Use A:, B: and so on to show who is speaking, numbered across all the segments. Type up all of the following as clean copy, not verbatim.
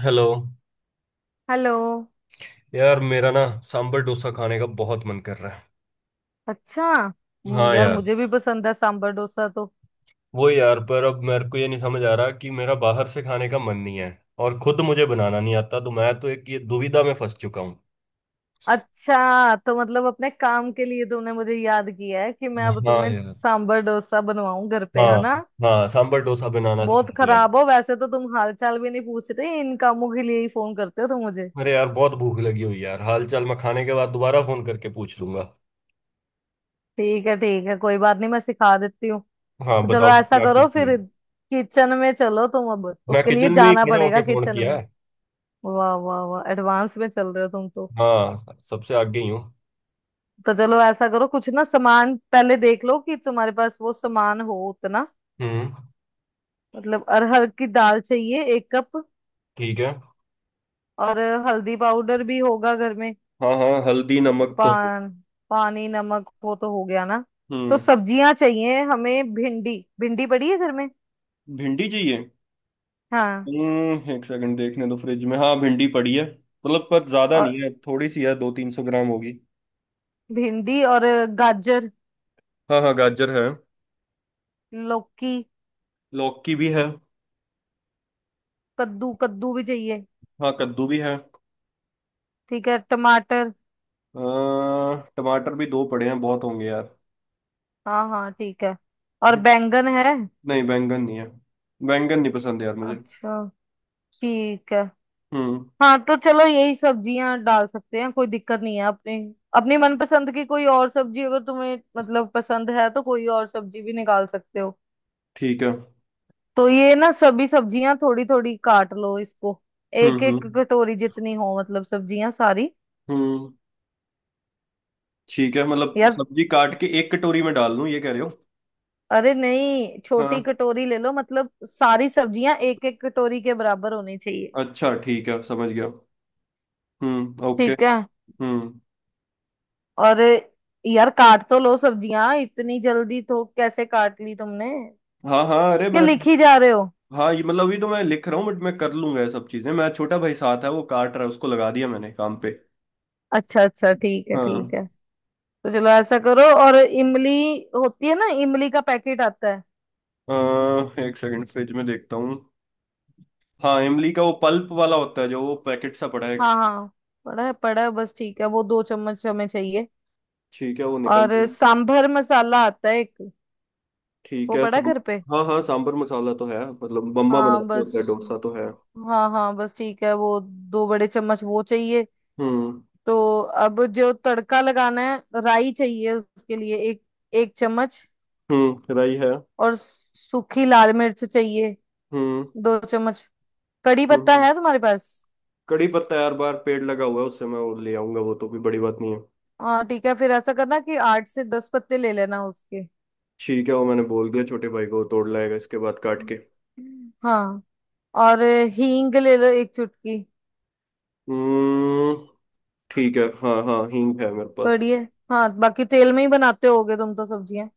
A: Hello.
B: Hello.
A: यार मेरा ना सांबर डोसा खाने का बहुत मन कर रहा है।
B: अच्छा।
A: हाँ
B: यार
A: यार।
B: मुझे भी पसंद है सांबर डोसा तो।
A: वो यार, पर अब मेरे को ये नहीं समझ आ रहा कि मेरा बाहर से खाने का मन नहीं है और खुद मुझे बनाना नहीं आता, तो मैं तो एक ये दुविधा में फंस चुका हूँ।
B: अच्छा तो मतलब अपने काम के लिए तुमने मुझे याद किया है कि मैं अब
A: हाँ
B: तुम्हें
A: यार।
B: सांबर डोसा बनवाऊं घर पे,
A: हाँ।
B: है ना।
A: हाँ, सांबर डोसा बनाना सिखा
B: बहुत
A: दो यार।
B: खराब हो वैसे तो तुम, हाल चाल भी नहीं पूछ रहे, इन कामों के लिए ही फोन करते हो तुम मुझे।
A: अरे यार, बहुत भूख लगी हुई यार, हाल चाल मैं खाने के बाद दोबारा फोन करके पूछ लूंगा।
B: ठीक है ठीक है, कोई बात नहीं, मैं सिखा देती हूँ।
A: हाँ
B: तो चलो
A: बताओ
B: ऐसा
A: क्या
B: करो
A: किया।
B: फिर। किचन में चलो, तुम अब
A: मैं
B: उसके लिए
A: किचन में ही
B: जाना
A: खड़ा होके
B: पड़ेगा
A: फोन
B: किचन
A: किया
B: में।
A: है।
B: वाह वाह वाह, एडवांस में चल रहे हो तुम तो।
A: हाँ, सबसे आगे ही हूँ।
B: तो चलो ऐसा करो, कुछ ना सामान पहले देख लो कि तुम्हारे पास वो सामान हो उतना।
A: हम्म,
B: मतलब अरहर की दाल चाहिए 1 कप।
A: ठीक है।
B: और हल्दी पाउडर भी होगा घर में।
A: हाँ हाँ, हल्दी नमक तो है।
B: पान पानी नमक वो तो हो गया ना। तो
A: हम्म।
B: सब्जियां चाहिए हमें, भिंडी। भिंडी पड़ी है घर में।
A: भिंडी चाहिए?
B: हाँ।
A: हम्म, एक सेकंड देखने दो फ्रिज में। हाँ भिंडी पड़ी है मतलब, पर ज्यादा
B: और
A: नहीं है, थोड़ी सी है, 200-300 ग्राम होगी।
B: भिंडी और गाजर,
A: हाँ हाँ, गाजर है।
B: लौकी,
A: लौकी भी है।
B: कद्दू। कद्दू भी चाहिए।
A: हाँ, कद्दू भी है।
B: ठीक है, टमाटर।
A: टमाटर भी दो पड़े हैं, बहुत होंगे यार।
B: हाँ हाँ ठीक है। और
A: हम्म,
B: बैंगन है।
A: नहीं, बैंगन नहीं है। बैंगन नहीं पसंद यार मुझे।
B: अच्छा, ठीक है।
A: हम्म,
B: हाँ तो चलो, यही सब्जियां डाल सकते हैं, कोई दिक्कत नहीं है अपने। अपनी मनपसंद की कोई और सब्जी अगर तुम्हें मतलब पसंद है तो कोई और सब्जी भी निकाल सकते हो।
A: ठीक है।
B: तो ये ना, सभी सब्जियां थोड़ी थोड़ी काट लो इसको। एक एक
A: हम्म।
B: कटोरी जितनी हो, मतलब सब्जियां सारी।
A: हम्म। ठीक है, मतलब
B: यार,
A: सब्जी काट के एक कटोरी में डाल दूं, ये कह रहे हो?
B: अरे नहीं छोटी
A: हाँ।
B: कटोरी ले लो, मतलब सारी सब्जियां एक एक कटोरी के बराबर होनी चाहिए।
A: अच्छा ठीक है, समझ गया। हम्म, ओके।
B: ठीक है।
A: हम्म।
B: और यार, काट तो लो सब्जियां, इतनी जल्दी तो कैसे काट ली तुमने,
A: हाँ हाँ, अरे
B: क्या
A: मेरा।
B: लिखी जा रहे हो।
A: हाँ ये मतलब, अभी तो मैं लिख रहा हूँ बट मैं कर लूंगा ये सब चीजें, मैं छोटा भाई साथ है, वो काट रहा है, उसको लगा दिया मैंने काम पे।
B: अच्छा अच्छा, ठीक है
A: हाँ।
B: ठीक है। तो चलो ऐसा करो, और इमली होती है ना, इमली का पैकेट आता है।
A: एक सेकंड फ्रिज में देखता हूँ। हाँ, इमली का वो पल्प वाला होता है जो, वो पैकेट सा पड़ा है एक।
B: हाँ हाँ। पड़ा है बस, ठीक है, वो 2 चम्मच हमें चाहिए।
A: ठीक है, वो निकल
B: और
A: जाएगा।
B: सांभर मसाला आता है एक,
A: ठीक
B: वो
A: है।
B: पड़ा है
A: सांब
B: घर पे।
A: हाँ हाँ, सांबर मसाला तो है, मतलब बम्मा
B: हाँ
A: बनाते होता है
B: बस,
A: डोसा तो है।
B: हाँ हाँ बस, ठीक है, वो 2 बड़े चम्मच वो चाहिए।
A: हम्म।
B: तो अब जो तड़का लगाना है, राई चाहिए उसके लिए एक एक चम्मच।
A: हम्म, राई है।
B: और सूखी लाल मिर्च चाहिए,
A: हम्म
B: 2 चम्मच। कड़ी
A: हम्म
B: पत्ता
A: हम्म।
B: है तुम्हारे पास।
A: कड़ी पत्ता यार, बार पेड़ लगा हुआ है उससे, मैं वो ले आऊंगा, वो तो भी बड़ी बात नहीं है।
B: हाँ ठीक है, फिर ऐसा करना कि 8 से 10 पत्ते ले लेना उसके।
A: ठीक है, वो मैंने बोल दिया छोटे भाई को, वो तोड़ लाएगा इसके बाद काट के।
B: हाँ। और हींग ले लो एक चुटकी।
A: हम्म, ठीक है। हाँ हाँ, हींग है मेरे पास।
B: बढ़िया। हाँ बाकी तेल में ही बनाते होगे तुम तो सब्जियां।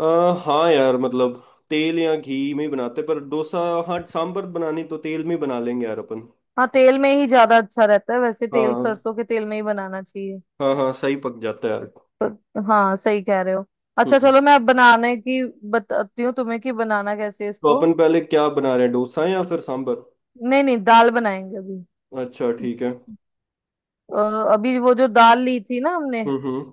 A: आ, हाँ यार मतलब, तेल या घी में ही बनाते पर, डोसा। हाँ, सांबर बनानी तो तेल में ही बना लेंगे यार अपन।
B: हाँ तेल में ही ज्यादा अच्छा रहता है वैसे, तेल
A: हाँ।
B: सरसों के तेल में ही बनाना चाहिए।
A: हाँ हाँ, सही पक जाता है यार।
B: हाँ सही कह रहे हो। अच्छा
A: हम्म।
B: चलो, मैं अब बनाने की बताती हूँ तुम्हें कि बनाना कैसे है
A: तो
B: इसको।
A: अपन पहले क्या बना रहे हैं, डोसा या फिर सांबर?
B: नहीं नहीं, दाल बनाएंगे अभी।
A: अच्छा ठीक है।
B: अ, अभी वो जो दाल ली थी ना हमने,
A: हम्म।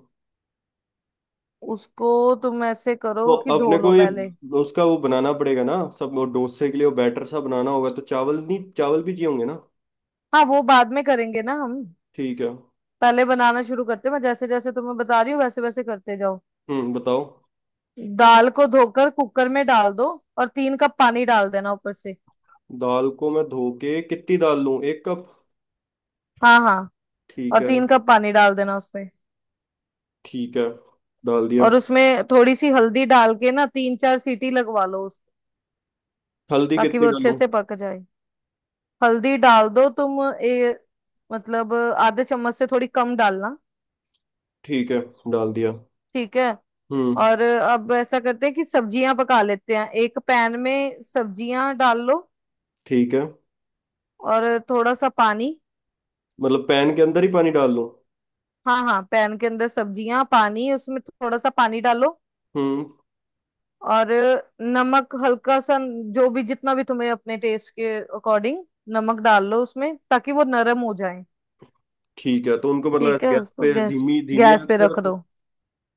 B: उसको तुम ऐसे करो
A: तो
B: कि धो
A: अपने
B: लो
A: को ये,
B: पहले।
A: उसका वो बनाना पड़ेगा ना सब, वो डोसे के लिए वो बैटर सा बनाना होगा, तो चावल, नहीं चावल भी चाहिए होंगे ना?
B: हाँ वो बाद में करेंगे ना हम।
A: ठीक है।
B: पहले बनाना शुरू करते हैं, मैं जैसे जैसे तुम्हें बता रही हूँ वैसे वैसे करते जाओ।
A: हम्म, बताओ।
B: दाल को धोकर कुकर में डाल दो, और 3 कप पानी डाल देना ऊपर से।
A: दाल को मैं धो के, कितनी दाल लूँ, 1 कप?
B: हाँ हाँ।
A: ठीक
B: और
A: है।
B: 3 कप पानी डाल देना उसमें।
A: ठीक है, डाल दिया।
B: और उसमें थोड़ी सी हल्दी डाल के ना, तीन चार सीटी लगवा लो उसको,
A: हल्दी
B: ताकि
A: कितनी
B: वो अच्छे
A: डालूं?
B: से पक जाए। हल्दी डाल दो तुम, मतलब आधे चम्मच से थोड़ी कम डालना।
A: ठीक है, डाल दिया।
B: ठीक है।
A: हम्म।
B: और अब ऐसा करते हैं कि सब्जियां पका लेते हैं, एक पैन में सब्जियां डाल लो,
A: ठीक है,
B: और थोड़ा सा पानी।
A: मतलब पैन के अंदर ही पानी डाल लूं?
B: हाँ हाँ, पैन के अंदर सब्जियां, पानी, उसमें थोड़ा सा पानी डालो।
A: हम्म।
B: और नमक हल्का सा, जो भी जितना भी तुम्हें अपने टेस्ट के अकॉर्डिंग नमक डाल लो उसमें, ताकि वो नरम हो जाए।
A: ठीक है, तो उनको मतलब
B: ठीक
A: ऐसे
B: है,
A: गैस
B: उसको
A: पे
B: गैस
A: धीमी धीमी
B: गैस
A: आंच
B: पे
A: पे
B: रख
A: रखूं?
B: दो।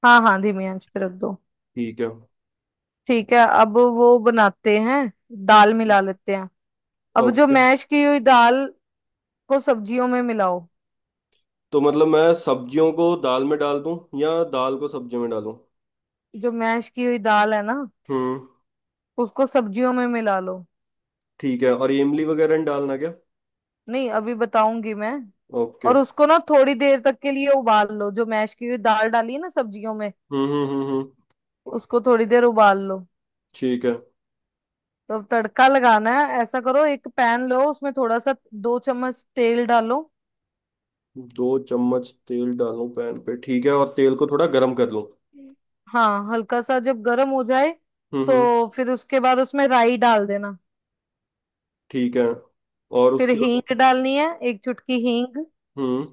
B: हाँ हाँ, धीमी आंच पे रख दो।
A: ठीक है।
B: ठीक है, अब वो बनाते हैं, दाल मिला लेते हैं। अब जो
A: ओके।
B: मैश की हुई दाल को सब्जियों में मिलाओ।
A: तो मतलब मैं सब्जियों को दाल में डाल दूं या दाल को सब्जियों में डालूं?
B: जो मैश की हुई दाल है ना,
A: हम्म।
B: उसको सब्जियों में मिला लो।
A: ठीक है, और ये इमली वगैरह नहीं डालना क्या?
B: नहीं अभी बताऊंगी मैं।
A: ओके।
B: और उसको ना थोड़ी देर तक के लिए उबाल लो, जो मैश की हुई दाल डाली है ना सब्जियों में,
A: हम्म।
B: उसको थोड़ी देर उबाल लो।
A: ठीक है।
B: तो अब तड़का लगाना है, ऐसा करो, एक पैन लो, उसमें थोड़ा सा, 2 चम्मच तेल डालो।
A: 2 चम्मच तेल डालूं पैन पे? ठीक है, और तेल को थोड़ा गर्म कर लूं।
B: हाँ हल्का सा जब गर्म हो जाए,
A: हम्म हम्म।
B: तो फिर उसके बाद उसमें राई डाल देना।
A: ठीक है, और
B: फिर
A: उसके
B: हींग
A: बाद?
B: डालनी है, एक चुटकी हींग।
A: हम्म।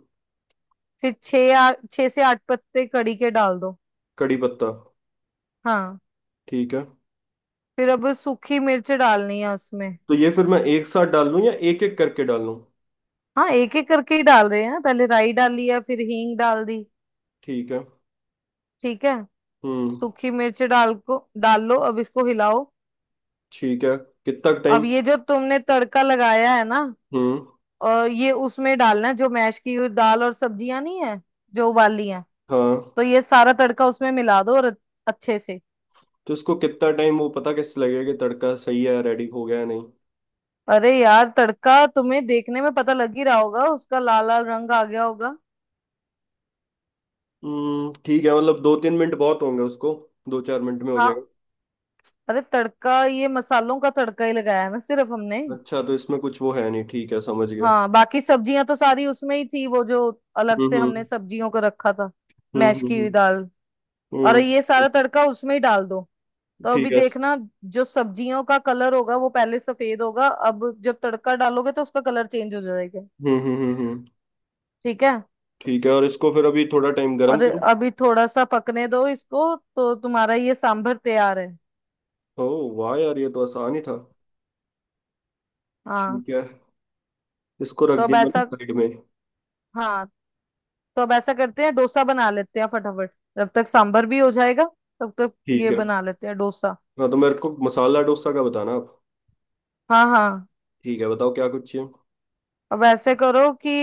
B: फिर छः से आठ पत्ते कड़ी के डाल दो।
A: कड़ी पत्ता?
B: हाँ।
A: ठीक है।
B: फिर अब सूखी मिर्च डालनी है उसमें।
A: तो ये फिर मैं एक साथ डाल लूं या एक एक करके डाल लूं?
B: हाँ, एक एक करके ही डाल रहे हैं, पहले राई डाली है, फिर हींग डाल दी।
A: ठीक है।
B: ठीक है।
A: हम्म।
B: सूखी मिर्च डाल लो, अब इसको हिलाओ।
A: ठीक है, कितना टाइम?
B: अब ये जो तुमने तड़का लगाया है ना,
A: हम्म।
B: और ये उसमें डालना है जो मैश की हुई दाल और सब्जियां नहीं है, जो उबाली हैं।
A: हाँ।
B: तो ये सारा तड़का उसमें मिला दो और अच्छे से।
A: तो इसको कितना टाइम, वो पता कैसे लगेगा कि तड़का सही है, रेडी हो गया या नहीं?
B: अरे यार, तड़का तुम्हें देखने में पता लग ही रहा होगा, उसका लाल लाल रंग आ गया होगा।
A: हम्म, ठीक है, मतलब 2-3 मिनट बहुत होंगे उसको। 2-4 मिनट में हो जाएगा।
B: हाँ। अरे तड़का, ये मसालों का तड़का ही लगाया है ना सिर्फ हमने।
A: अच्छा, तो इसमें कुछ वो है नहीं, ठीक है समझ गया।
B: हाँ बाकी सब्जियां तो सारी उसमें ही थी, वो जो अलग से हमने
A: हम्म।
B: सब्जियों को रखा था। मैश की
A: हम्म।
B: हुई दाल और
A: हम्म।
B: ये सारा तड़का उसमें ही डाल दो। तो अभी
A: ठीक है।
B: देखना, जो सब्जियों का कलर होगा वो पहले सफेद होगा, अब जब तड़का डालोगे तो उसका कलर चेंज हो जाएगा।
A: हम्म।
B: ठीक है,
A: ठीक है, और इसको फिर अभी थोड़ा टाइम गर्म
B: और
A: करूं?
B: अभी थोड़ा सा पकने दो इसको, तो तुम्हारा ये सांभर तैयार है।
A: ओह वाह यार, ये तो आसान ही था।
B: हाँ
A: ठीक है। इसको रख
B: तो अब
A: दिया मैंने
B: ऐसा
A: साइड में।
B: हाँ तो अब ऐसा करते हैं, डोसा बना लेते हैं फटाफट, जब तक सांभर भी हो जाएगा तब तक
A: ठीक
B: ये
A: है।
B: बना लेते हैं डोसा।
A: हाँ, तो मेरे को मसाला डोसा का बताना आप।
B: हाँ हाँ।
A: ठीक है, बताओ क्या कुछ चाहिए।
B: अब ऐसे करो कि,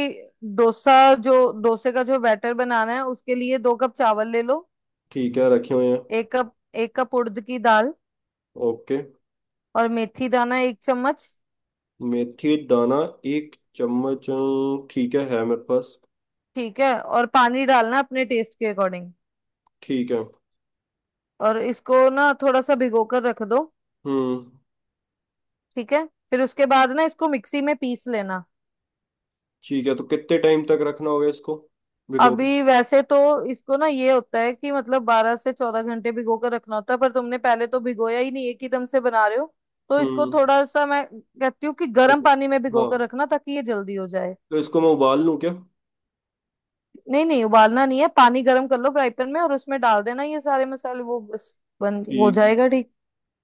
B: डोसा जो डोसे का जो बैटर बनाना है उसके लिए 2 कप चावल ले लो।
A: ठीक है, रखे हुए हैं।
B: एक कप 1 कप उड़द की दाल।
A: ओके।
B: और मेथी दाना 1 चम्मच।
A: मेथी दाना 1 चम्मच। ठीक है मेरे पास।
B: ठीक है, और पानी डालना अपने टेस्ट के अकॉर्डिंग।
A: ठीक है।
B: और इसको ना थोड़ा सा भिगो कर रख दो।
A: हम्म।
B: ठीक है, फिर उसके बाद ना इसको मिक्सी में पीस लेना।
A: ठीक है, तो कितने टाइम तक रखना होगा इसको भिगो के?
B: अभी वैसे तो इसको ना, ये होता है कि मतलब 12 से 14 घंटे भिगो कर रखना होता है, पर तुमने पहले तो भिगोया ही नहीं, एक ही दम से बना रहे हो, तो इसको
A: हम्म।
B: थोड़ा सा मैं कहती हूँ कि गर्म
A: उब-
B: पानी में भिगो कर
A: हाँ,
B: रखना ताकि ये जल्दी हो जाए।
A: तो इसको मैं उबाल लूँ क्या?
B: नहीं नहीं, उबालना नहीं है, पानी गर्म कर लो फ्राई पैन में, और उसमें डाल देना ये सारे मसाले, वो बस बन हो
A: ठीक है,
B: जाएगा, ठीक।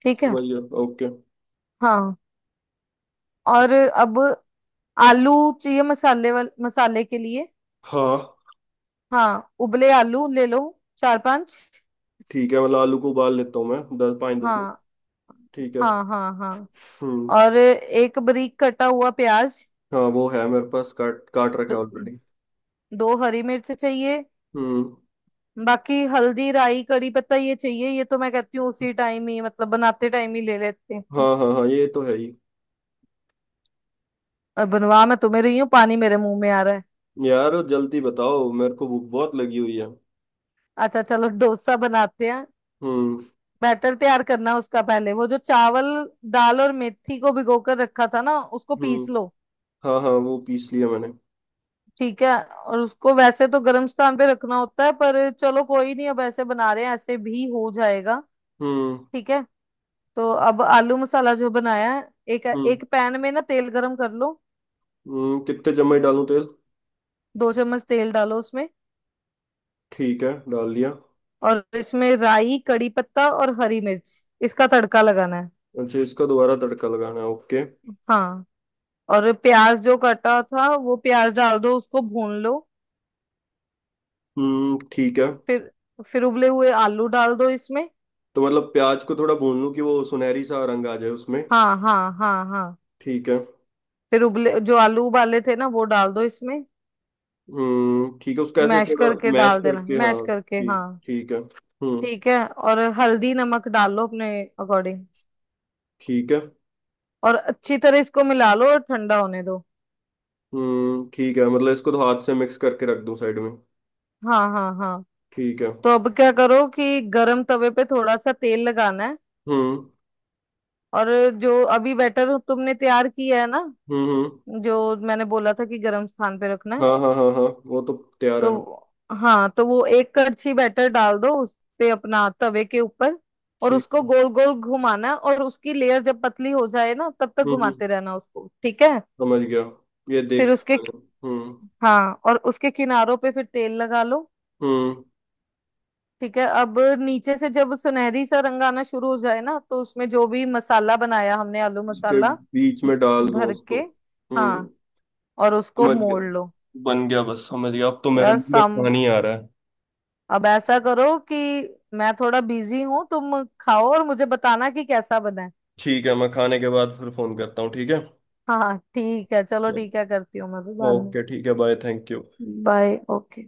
B: ठीक है।
A: समझ गया। ओके।
B: हाँ, और अब आलू चाहिए मसाले के लिए।
A: हाँ।
B: हाँ उबले आलू ले लो, चार पांच।
A: ठीक है, मतलब आलू को उबाल लेता हूँ मैं दस, पाँच दस मिनट।
B: हाँ
A: ठीक है।
B: हाँ हाँ हाँ।
A: हम्म।
B: और एक बारीक कटा हुआ प्याज,
A: हाँ, वो है मेरे पास, काट काट रखा
B: दो,
A: है ऑलरेडी।
B: दो हरी मिर्च चाहिए।
A: हम्म।
B: बाकी हल्दी, राई, कड़ी पत्ता, ये चाहिए, ये तो मैं कहती हूँ उसी टाइम ही, मतलब बनाते टाइम ही ले लेते हैं।
A: हाँ हाँ हाँ, ये तो है ही।
B: और बनवा मैं तुम्हें रही हूँ, पानी मेरे मुंह में आ रहा है।
A: यार जल्दी बताओ, मेरे को भूख बहुत लगी हुई है।
B: अच्छा चलो, डोसा बनाते हैं।
A: हम्म।
B: बैटर तैयार करना है उसका पहले, वो जो चावल दाल और मेथी को भिगो कर रखा था ना, उसको
A: हम्म,
B: पीस लो।
A: हाँ हाँ, वो पीस लिया मैंने।
B: ठीक है, और उसको वैसे तो गर्म स्थान पे रखना होता है, पर चलो कोई नहीं, अब ऐसे बना रहे हैं, ऐसे भी हो जाएगा।
A: हम्म।
B: ठीक है। तो अब आलू मसाला जो बनाया है, एक
A: हम्म
B: एक पैन में ना तेल गरम कर लो।
A: कितने चम्मच डालूं तेल?
B: 2 चम्मच तेल डालो उसमें।
A: ठीक है, डाल लिया।
B: और इसमें राई, कड़ी पत्ता और हरी मिर्च, इसका तड़का लगाना है।
A: अच्छा, इसका दोबारा तड़का लगाना है, ओके।
B: हाँ, और प्याज जो कटा था वो प्याज डाल दो, उसको भून लो।
A: हम्म, ठीक है।
B: फिर फिर उबले हुए आलू डाल दो इसमें।
A: तो मतलब प्याज को थोड़ा भून लूं कि वो सुनहरी सा रंग आ जाए उसमें।
B: हाँ हाँ हाँ हाँ।
A: ठीक है।
B: फिर उबले जो आलू उबाले थे ना, वो डाल दो इसमें,
A: हम्म, ठीक है उसको ऐसे
B: मैश
A: थोड़ा।
B: करके
A: मैश
B: डाल देना,
A: करके
B: मैश
A: हाँ,
B: करके,
A: ठीक
B: हाँ।
A: ठीक है। हम्म,
B: ठीक है, और हल्दी नमक डाल लो अपने अकॉर्डिंग।
A: ठीक है।
B: और अच्छी तरह इसको मिला लो और ठंडा होने दो।
A: हम्म, ठीक है, मतलब इसको तो हाथ से मिक्स करके रख दूं साइड में।
B: हाँ हाँ हाँ।
A: ठीक है।
B: तो अब क्या करो कि गरम तवे पे थोड़ा सा तेल लगाना है।
A: हम्म
B: और जो अभी बैटर तुमने तैयार किया है ना,
A: हम्म।
B: जो मैंने बोला था कि गरम स्थान पे रखना है,
A: हाँ हाँ हाँ हाँ, वो तो तैयार है।
B: तो हाँ, तो वो एक कड़छी बैटर डाल दो उस पे, अपना तवे के ऊपर। और
A: ठीक
B: उसको
A: है।
B: गोल गोल घुमाना है, और उसकी लेयर जब पतली हो जाए ना, तब तक
A: हम्म।
B: घुमाते रहना उसको, ठीक है।
A: समझ गया। ये
B: फिर
A: देख
B: उसके,
A: मैंने। हम्म
B: हाँ, और उसके किनारों पे फिर तेल लगा लो।
A: हम्म।
B: ठीक है, अब नीचे से जब सुनहरी सा रंग आना शुरू हो जाए ना, तो उसमें जो भी मसाला बनाया हमने, आलू
A: इसके
B: मसाला
A: बीच में डाल दूं
B: भर
A: उसको?
B: के,
A: हम्म।
B: हाँ, और उसको
A: समझ
B: मोड़
A: गया।
B: लो।
A: बन गया बस, समझ गया अब तो, मेरे
B: यार,
A: मुंह में
B: सम
A: पानी आ रहा है।
B: अब ऐसा करो कि मैं थोड़ा बिजी हूँ, तुम खाओ और मुझे बताना कि कैसा बना है।
A: ठीक है, मैं खाने के बाद फिर फोन करता हूँ, ठीक है।
B: हाँ हाँ, ठीक है चलो, ठीक है, करती हूँ मैं भी बाद में।
A: ओके ठीक है, bye. Thank you.
B: Bye, okay.